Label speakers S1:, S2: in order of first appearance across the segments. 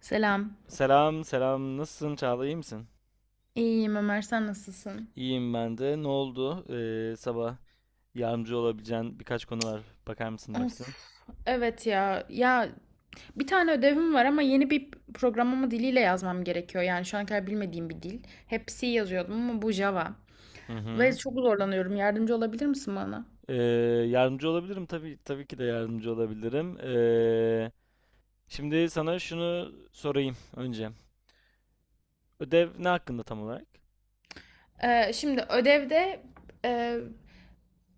S1: Selam.
S2: Selam selam nasılsın Çağla iyi misin?
S1: İyiyim Ömer, sen nasılsın?
S2: İyiyim ben de. Ne oldu? Sabah yardımcı olabileceğin birkaç konu var. Bakar mısın demişsin.
S1: Of, evet ya. Ya bir tane ödevim var ama yeni bir programlama diliyle yazmam gerekiyor. Yani şu ana kadar bilmediğim bir dil. Hep C yazıyordum ama bu Java.
S2: Hı
S1: Ve
S2: hı.
S1: çok zorlanıyorum. Yardımcı olabilir misin bana?
S2: Ee, yardımcı olabilirim tabii ki de yardımcı olabilirim. Şimdi sana şunu sorayım önce. Ödev ne hakkında tam olarak?
S1: Şimdi ödevde e,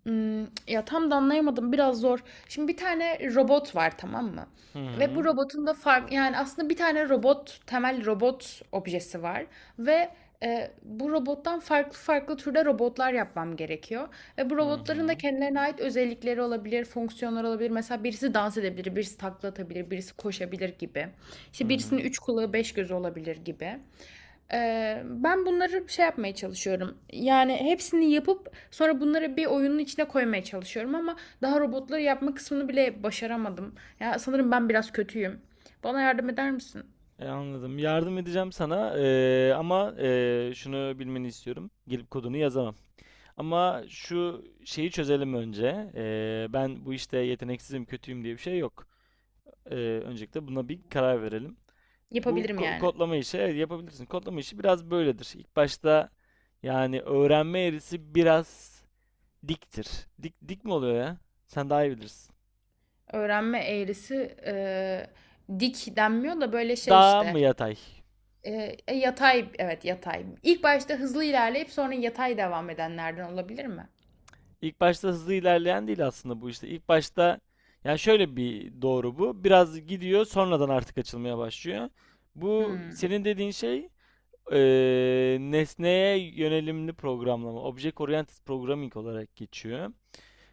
S1: Ya, tam da anlayamadım, biraz zor. Şimdi bir tane robot var, tamam mı?
S2: Hı
S1: Ve bu
S2: hı.
S1: robotun da fark yani, aslında bir tane robot, temel robot objesi var ve, Bu robottan farklı farklı türde robotlar yapmam gerekiyor ve bu
S2: Hı
S1: robotların da
S2: hı.
S1: kendilerine ait özellikleri olabilir, fonksiyonları olabilir. Mesela birisi dans edebilir, birisi takla atabilir, birisi koşabilir gibi. İşte
S2: Hı
S1: birisinin
S2: hı.
S1: 3 kulağı, 5 gözü olabilir gibi. Ben bunları şey yapmaya çalışıyorum. Yani hepsini yapıp sonra bunları bir oyunun içine koymaya çalışıyorum ama daha robotları yapma kısmını bile başaramadım. Ya sanırım ben biraz kötüyüm. Bana yardım eder misin?
S2: Anladım. Yardım edeceğim sana ama şunu bilmeni istiyorum. Gelip kodunu yazamam. Ama şu şeyi çözelim önce. Ben bu işte yeteneksizim, kötüyüm diye bir şey yok. Ee, öncelikle buna bir karar verelim. Bu
S1: Yapabilirim yani.
S2: kodlama işi evet yapabilirsin. Kodlama işi biraz böyledir. İlk başta yani öğrenme eğrisi biraz diktir. Dik, dik mi oluyor ya? Sen daha iyi bilirsin.
S1: Öğrenme eğrisi dik denmiyor da böyle şey
S2: Daha
S1: işte.
S2: mı yatay?
S1: Yatay evet yatay. İlk başta hızlı ilerleyip sonra yatay devam edenlerden olabilir mi?
S2: İlk başta hızlı ilerleyen değil aslında bu işte. İlk başta yani şöyle bir doğru bu. Biraz gidiyor sonradan artık açılmaya başlıyor. Bu
S1: Hmm,
S2: senin dediğin şey. Nesneye yönelimli programlama, Object Oriented Programming olarak geçiyor.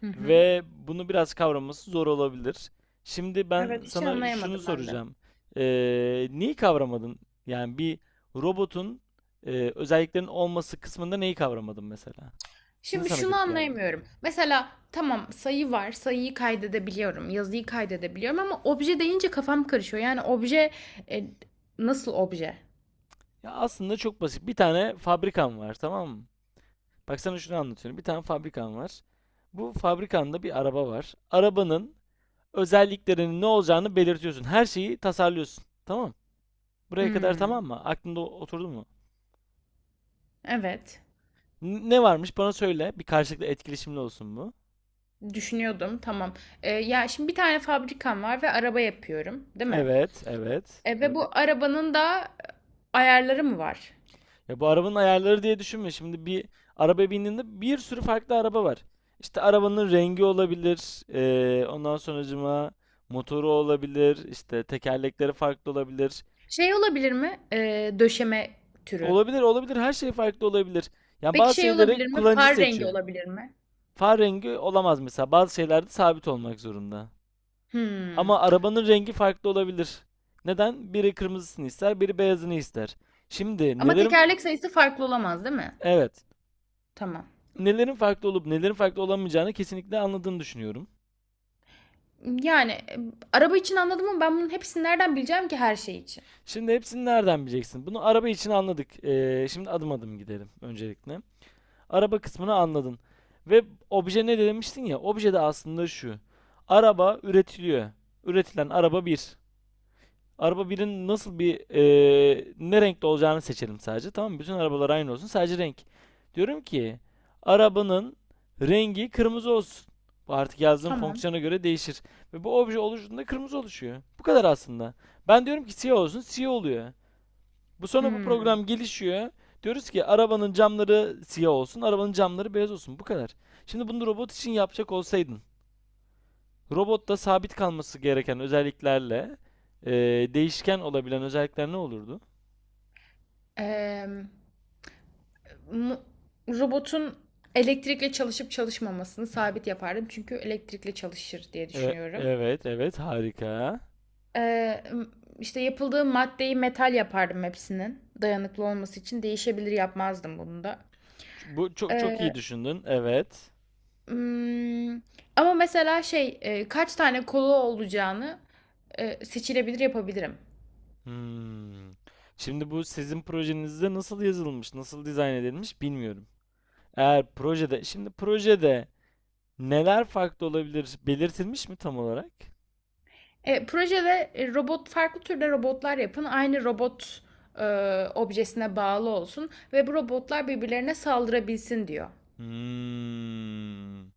S1: hı hı.
S2: Ve bunu biraz kavraması zor olabilir. Şimdi ben
S1: Evet hiç
S2: sana şunu
S1: anlayamadım ben de.
S2: soracağım. Neyi kavramadın? Yani bir robotun özelliklerinin olması kısmında neyi kavramadın mesela? Ne
S1: Şimdi
S2: sana
S1: şunu
S2: garip geldi?
S1: anlayamıyorum. Mesela tamam sayı var, sayıyı kaydedebiliyorum, yazıyı kaydedebiliyorum ama obje deyince kafam karışıyor. Yani obje e, nasıl obje?
S2: Ya aslında çok basit. Bir tane fabrikan var, tamam mı? Bak sana şunu anlatıyorum. Bir tane fabrikan var. Bu fabrikanda bir araba var. Arabanın özelliklerinin ne olacağını belirtiyorsun. Her şeyi tasarlıyorsun. Tamam. Buraya kadar
S1: Hmm,
S2: tamam mı? Aklında oturdu mu?
S1: evet.
S2: Ne varmış bana söyle. Bir karşılıklı etkileşimli olsun bu.
S1: Düşünüyordum. Tamam. E, ya şimdi bir tane fabrikam var ve araba yapıyorum, değil mi?
S2: Evet, evet.
S1: E, ve bu evet, arabanın da ayarları mı var?
S2: Ya bu arabanın ayarları diye düşünme. Şimdi bir araba bindiğinde bir sürü farklı araba var. İşte arabanın rengi olabilir. Ondan sonracıma motoru olabilir. İşte tekerlekleri farklı olabilir.
S1: Şey olabilir mi? E, döşeme türü.
S2: Olabilir, olabilir. Her şey farklı olabilir. Yani
S1: Peki
S2: bazı
S1: şey
S2: şeyleri
S1: olabilir mi?
S2: kullanıcı
S1: Far rengi
S2: seçiyor.
S1: olabilir mi?
S2: Far rengi olamaz mesela. Bazı şeylerde sabit olmak zorunda.
S1: Hmm.
S2: Ama arabanın rengi farklı olabilir. Neden? Biri kırmızısını ister, biri beyazını ister. Şimdi
S1: Ama
S2: nelerin,
S1: tekerlek sayısı farklı olamaz, değil mi?
S2: evet,
S1: Tamam.
S2: nelerin farklı olup nelerin farklı olamayacağını kesinlikle anladığını düşünüyorum.
S1: Yani, araba için anladım ama ben bunun hepsini nereden bileceğim ki her şey için?
S2: Şimdi hepsini nereden bileceksin? Bunu araba için anladık. Şimdi adım adım gidelim öncelikle. Araba kısmını anladın. Ve obje ne demiştin ya? Obje de aslında şu. Araba üretiliyor. Üretilen araba bir. Araba birin nasıl bir ne renkte olacağını seçelim sadece. Tamam mı? Bütün arabalar aynı olsun. Sadece renk. Diyorum ki arabanın rengi kırmızı olsun. Bu artık yazdığım
S1: Tamam.
S2: fonksiyona göre değişir. Ve bu obje oluştuğunda kırmızı oluşuyor. Bu kadar aslında. Ben diyorum ki siyah olsun. Siyah oluyor. Bu sonra bu
S1: Hımm.
S2: program gelişiyor. Diyoruz ki arabanın camları siyah olsun. Arabanın camları beyaz olsun. Bu kadar. Şimdi bunu robot için yapacak olsaydın. Robotta sabit kalması gereken özelliklerle e, değişken olabilen özellikler ne olurdu?
S1: Emm, mu Robotun elektrikle çalışıp çalışmamasını sabit yapardım çünkü elektrikle çalışır diye
S2: E,
S1: düşünüyorum.
S2: evet, evet, harika.
S1: Emm, işte, yapıldığı maddeyi metal yapardım hepsinin dayanıklı olması için. Değişebilir yapmazdım bunu da.
S2: Bu çok çok iyi
S1: Eee,
S2: düşündün. Evet.
S1: ımm, ama mesela şey, kaç tane kolu olacağını, seçilebilir yapabilirim.
S2: Hmm. Şimdi bu sizin projenizde nasıl yazılmış, nasıl dizayn edilmiş bilmiyorum. Eğer projede, şimdi projede neler farklı olabilir belirtilmiş mi tam olarak?
S1: Projede robot farklı türde robotlar yapın. Aynı robot e, objesine bağlı olsun ve bu robotlar birbirlerine saldırabilsin diyor.
S2: Hmm.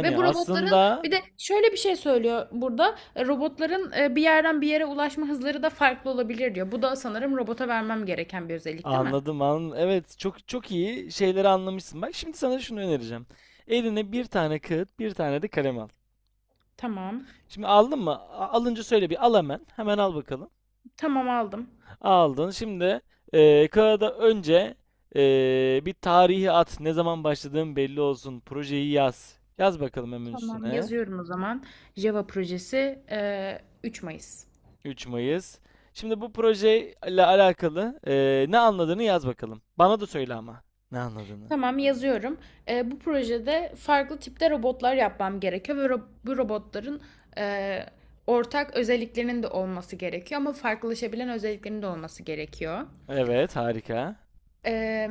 S1: Ve bu robotların
S2: aslında.
S1: bir de şöyle bir şey söylüyor burada. Robotların bir yerden bir yere ulaşma hızları da farklı olabilir diyor. Bu da sanırım robota vermem gereken bir özellik değil mi?
S2: Anladım, anladım. Evet, çok çok iyi şeyleri anlamışsın. Bak şimdi sana şunu önereceğim. Eline bir tane kağıt, bir tane de kalem al.
S1: Tamam.
S2: Şimdi aldın mı? Alınca söyle, bir al hemen. Hemen al bakalım.
S1: Tamam aldım.
S2: Aldın. Şimdi kağıda önce bir tarihi at. Ne zaman başladığın belli olsun. Projeyi yaz. Yaz bakalım hemen
S1: Tamam
S2: üstüne.
S1: yazıyorum o zaman. Java projesi 3 Mayıs.
S2: 3 Mayıs. Şimdi bu projeyle alakalı ne anladığını yaz bakalım. Bana da söyle ama. Ne anladığını.
S1: Tamam yazıyorum. Bu projede farklı tipte robotlar yapmam gerekiyor ve bu robotların e, ortak özelliklerinin de olması gerekiyor ama farklılaşabilen özelliklerinin de olması gerekiyor.
S2: Evet, harika.
S1: Ee,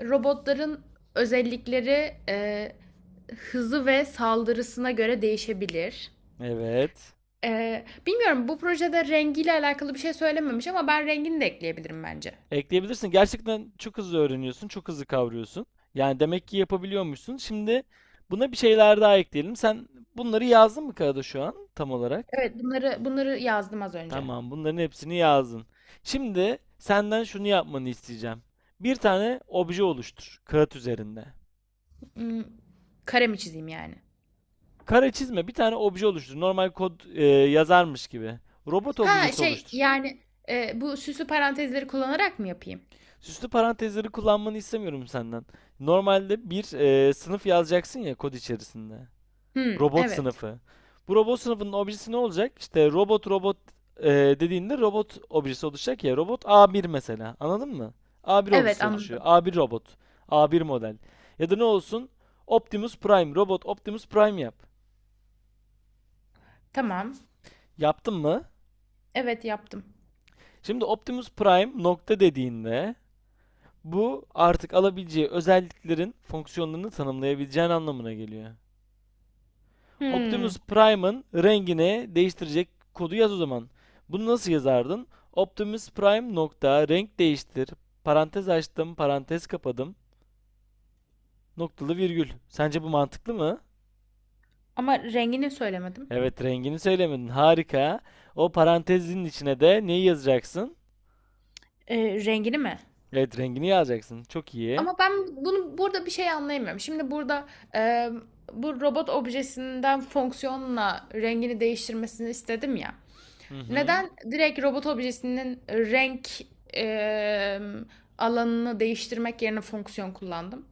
S1: Robotların özellikleri, hızı ve saldırısına göre değişebilir.
S2: Evet.
S1: Bilmiyorum, bu projede rengiyle alakalı bir şey söylememiş ama ben rengini de ekleyebilirim bence.
S2: Ekleyebilirsin. Gerçekten çok hızlı öğreniyorsun, çok hızlı kavruyorsun. Yani demek ki yapabiliyormuşsun. Şimdi buna bir şeyler daha ekleyelim. Sen bunları yazdın mı kağıda şu an tam olarak?
S1: Evet, bunları yazdım az önce.
S2: Tamam, bunların hepsini yazdın. Şimdi senden şunu yapmanı isteyeceğim. Bir tane obje oluştur kağıt üzerinde.
S1: Hmm, kare mi çizeyim yani?
S2: Kare çizme, bir tane obje oluştur. Normal kod yazarmış gibi. Robot
S1: Ha
S2: objesi
S1: şey
S2: oluştur.
S1: yani, bu süslü parantezleri kullanarak mı yapayım?
S2: Süslü parantezleri kullanmanı istemiyorum senden. Normalde bir sınıf yazacaksın ya kod içerisinde.
S1: Hmm,
S2: Robot
S1: evet.
S2: sınıfı. Bu robot sınıfının objesi ne olacak? İşte robot e, dediğinde robot objesi oluşacak ya. Robot A1 mesela. Anladın mı? A1
S1: Evet
S2: objesi oluşuyor.
S1: anladım.
S2: A1 robot. A1 model. Ya da ne olsun? Optimus Prime. Robot Optimus Prime yap.
S1: Tamam.
S2: Yaptın mı?
S1: Evet yaptım.
S2: Şimdi Optimus Prime nokta dediğinde bu artık alabileceği özelliklerin fonksiyonlarını tanımlayabileceğin anlamına geliyor. Optimus
S1: Hmm,
S2: Prime'ın rengini değiştirecek kodu yaz o zaman. Bunu nasıl yazardın? Optimus Prime nokta renk değiştir. Parantez açtım, parantez kapadım. Noktalı virgül. Sence bu mantıklı mı?
S1: ama rengini söylemedim.
S2: Evet, rengini söylemedin. Harika. O parantezin içine de neyi yazacaksın?
S1: E, rengini mi?
S2: Evet, rengini yazacaksın. Çok iyi.
S1: Ama ben bunu burada bir şey anlayamıyorum. Şimdi burada, e, bu robot objesinden fonksiyonla rengini değiştirmesini istedim ya.
S2: Hı hı.
S1: Neden direkt robot objesinin renk e, alanını değiştirmek yerine fonksiyon kullandım?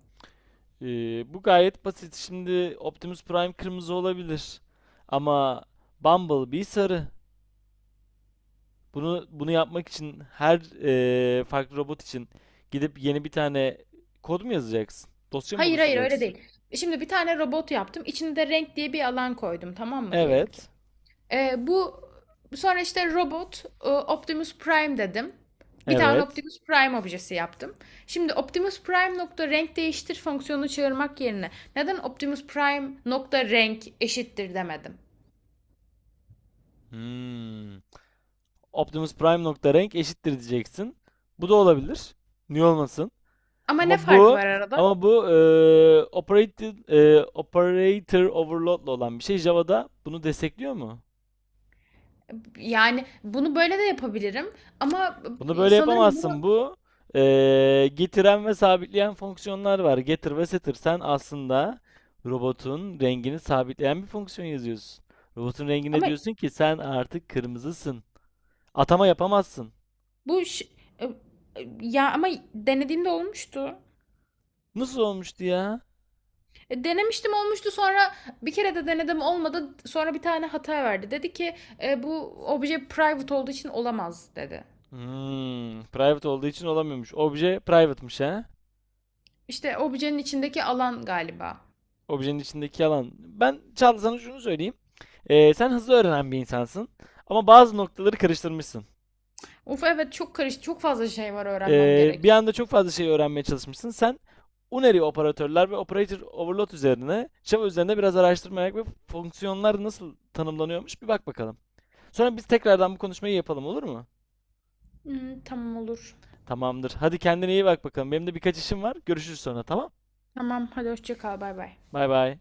S2: Bu gayet basit. Şimdi Optimus Prime kırmızı olabilir. Ama Bumblebee sarı. Bunu yapmak için her farklı robot için gidip yeni bir tane kod mu yazacaksın? Dosya mı
S1: Hayır hayır, öyle
S2: oluşturacaksın?
S1: değil. Şimdi bir tane robot yaptım. İçine de renk diye bir alan koydum, tamam mı, diyelim ki.
S2: Evet.
S1: Bu sonra işte robot Optimus Prime dedim. Bir tane
S2: Evet.
S1: Optimus Prime objesi yaptım. Şimdi Optimus Prime nokta renk değiştir fonksiyonunu çağırmak yerine neden Optimus Prime nokta renk eşittir demedim?
S2: Hmm. Optimus Prime nokta renk eşittir diyeceksin. Bu da olabilir. Niye olmasın?
S1: Ama ne
S2: Ama
S1: farkı
S2: bu
S1: var arada?
S2: ama bu operator overload'la olan bir şey. Java'da bunu destekliyor mu?
S1: Yani bunu böyle de yapabilirim ama
S2: Bunu böyle
S1: sanırım
S2: yapamazsın.
S1: bunu,
S2: Bu getiren ve sabitleyen fonksiyonlar var. Getir ve setir. Sen aslında robotun rengini sabitleyen bir fonksiyon yazıyorsun. Robotun rengine
S1: ama
S2: diyorsun ki sen artık kırmızısın. Atama yapamazsın.
S1: bu ş- e, e, ya ama denediğimde olmuştu.
S2: Nasıl olmuştu ya?
S1: E, denemiştim olmuştu sonra bir kere de denedim olmadı, sonra bir tane hata verdi. Dedi ki, bu obje private olduğu için olamaz", dedi.
S2: Private olduğu için olamıyormuş. Obje private'mış ha.
S1: İşte objenin içindeki alan galiba.
S2: Objenin içindeki alan. Ben Çağla sana şunu söyleyeyim. Sen hızlı öğrenen bir insansın. Ama bazı noktaları karıştırmışsın.
S1: Of, evet, çok karışık, çok fazla şey var öğrenmem
S2: Bir
S1: gereken.
S2: anda çok fazla şey öğrenmeye çalışmışsın. Sen Unary operatörler ve operator overload üzerine, Java üzerinde biraz araştırma yap ve fonksiyonlar nasıl tanımlanıyormuş bir bak bakalım. Sonra biz tekrardan bu konuşmayı yapalım olur mu?
S1: Hmm, tamam olur.
S2: Tamamdır. Hadi kendine iyi bak bakalım. Benim de birkaç işim var. Görüşürüz sonra tamam?
S1: Tamam hadi, hoşça kal, bay bay.
S2: Bay bay.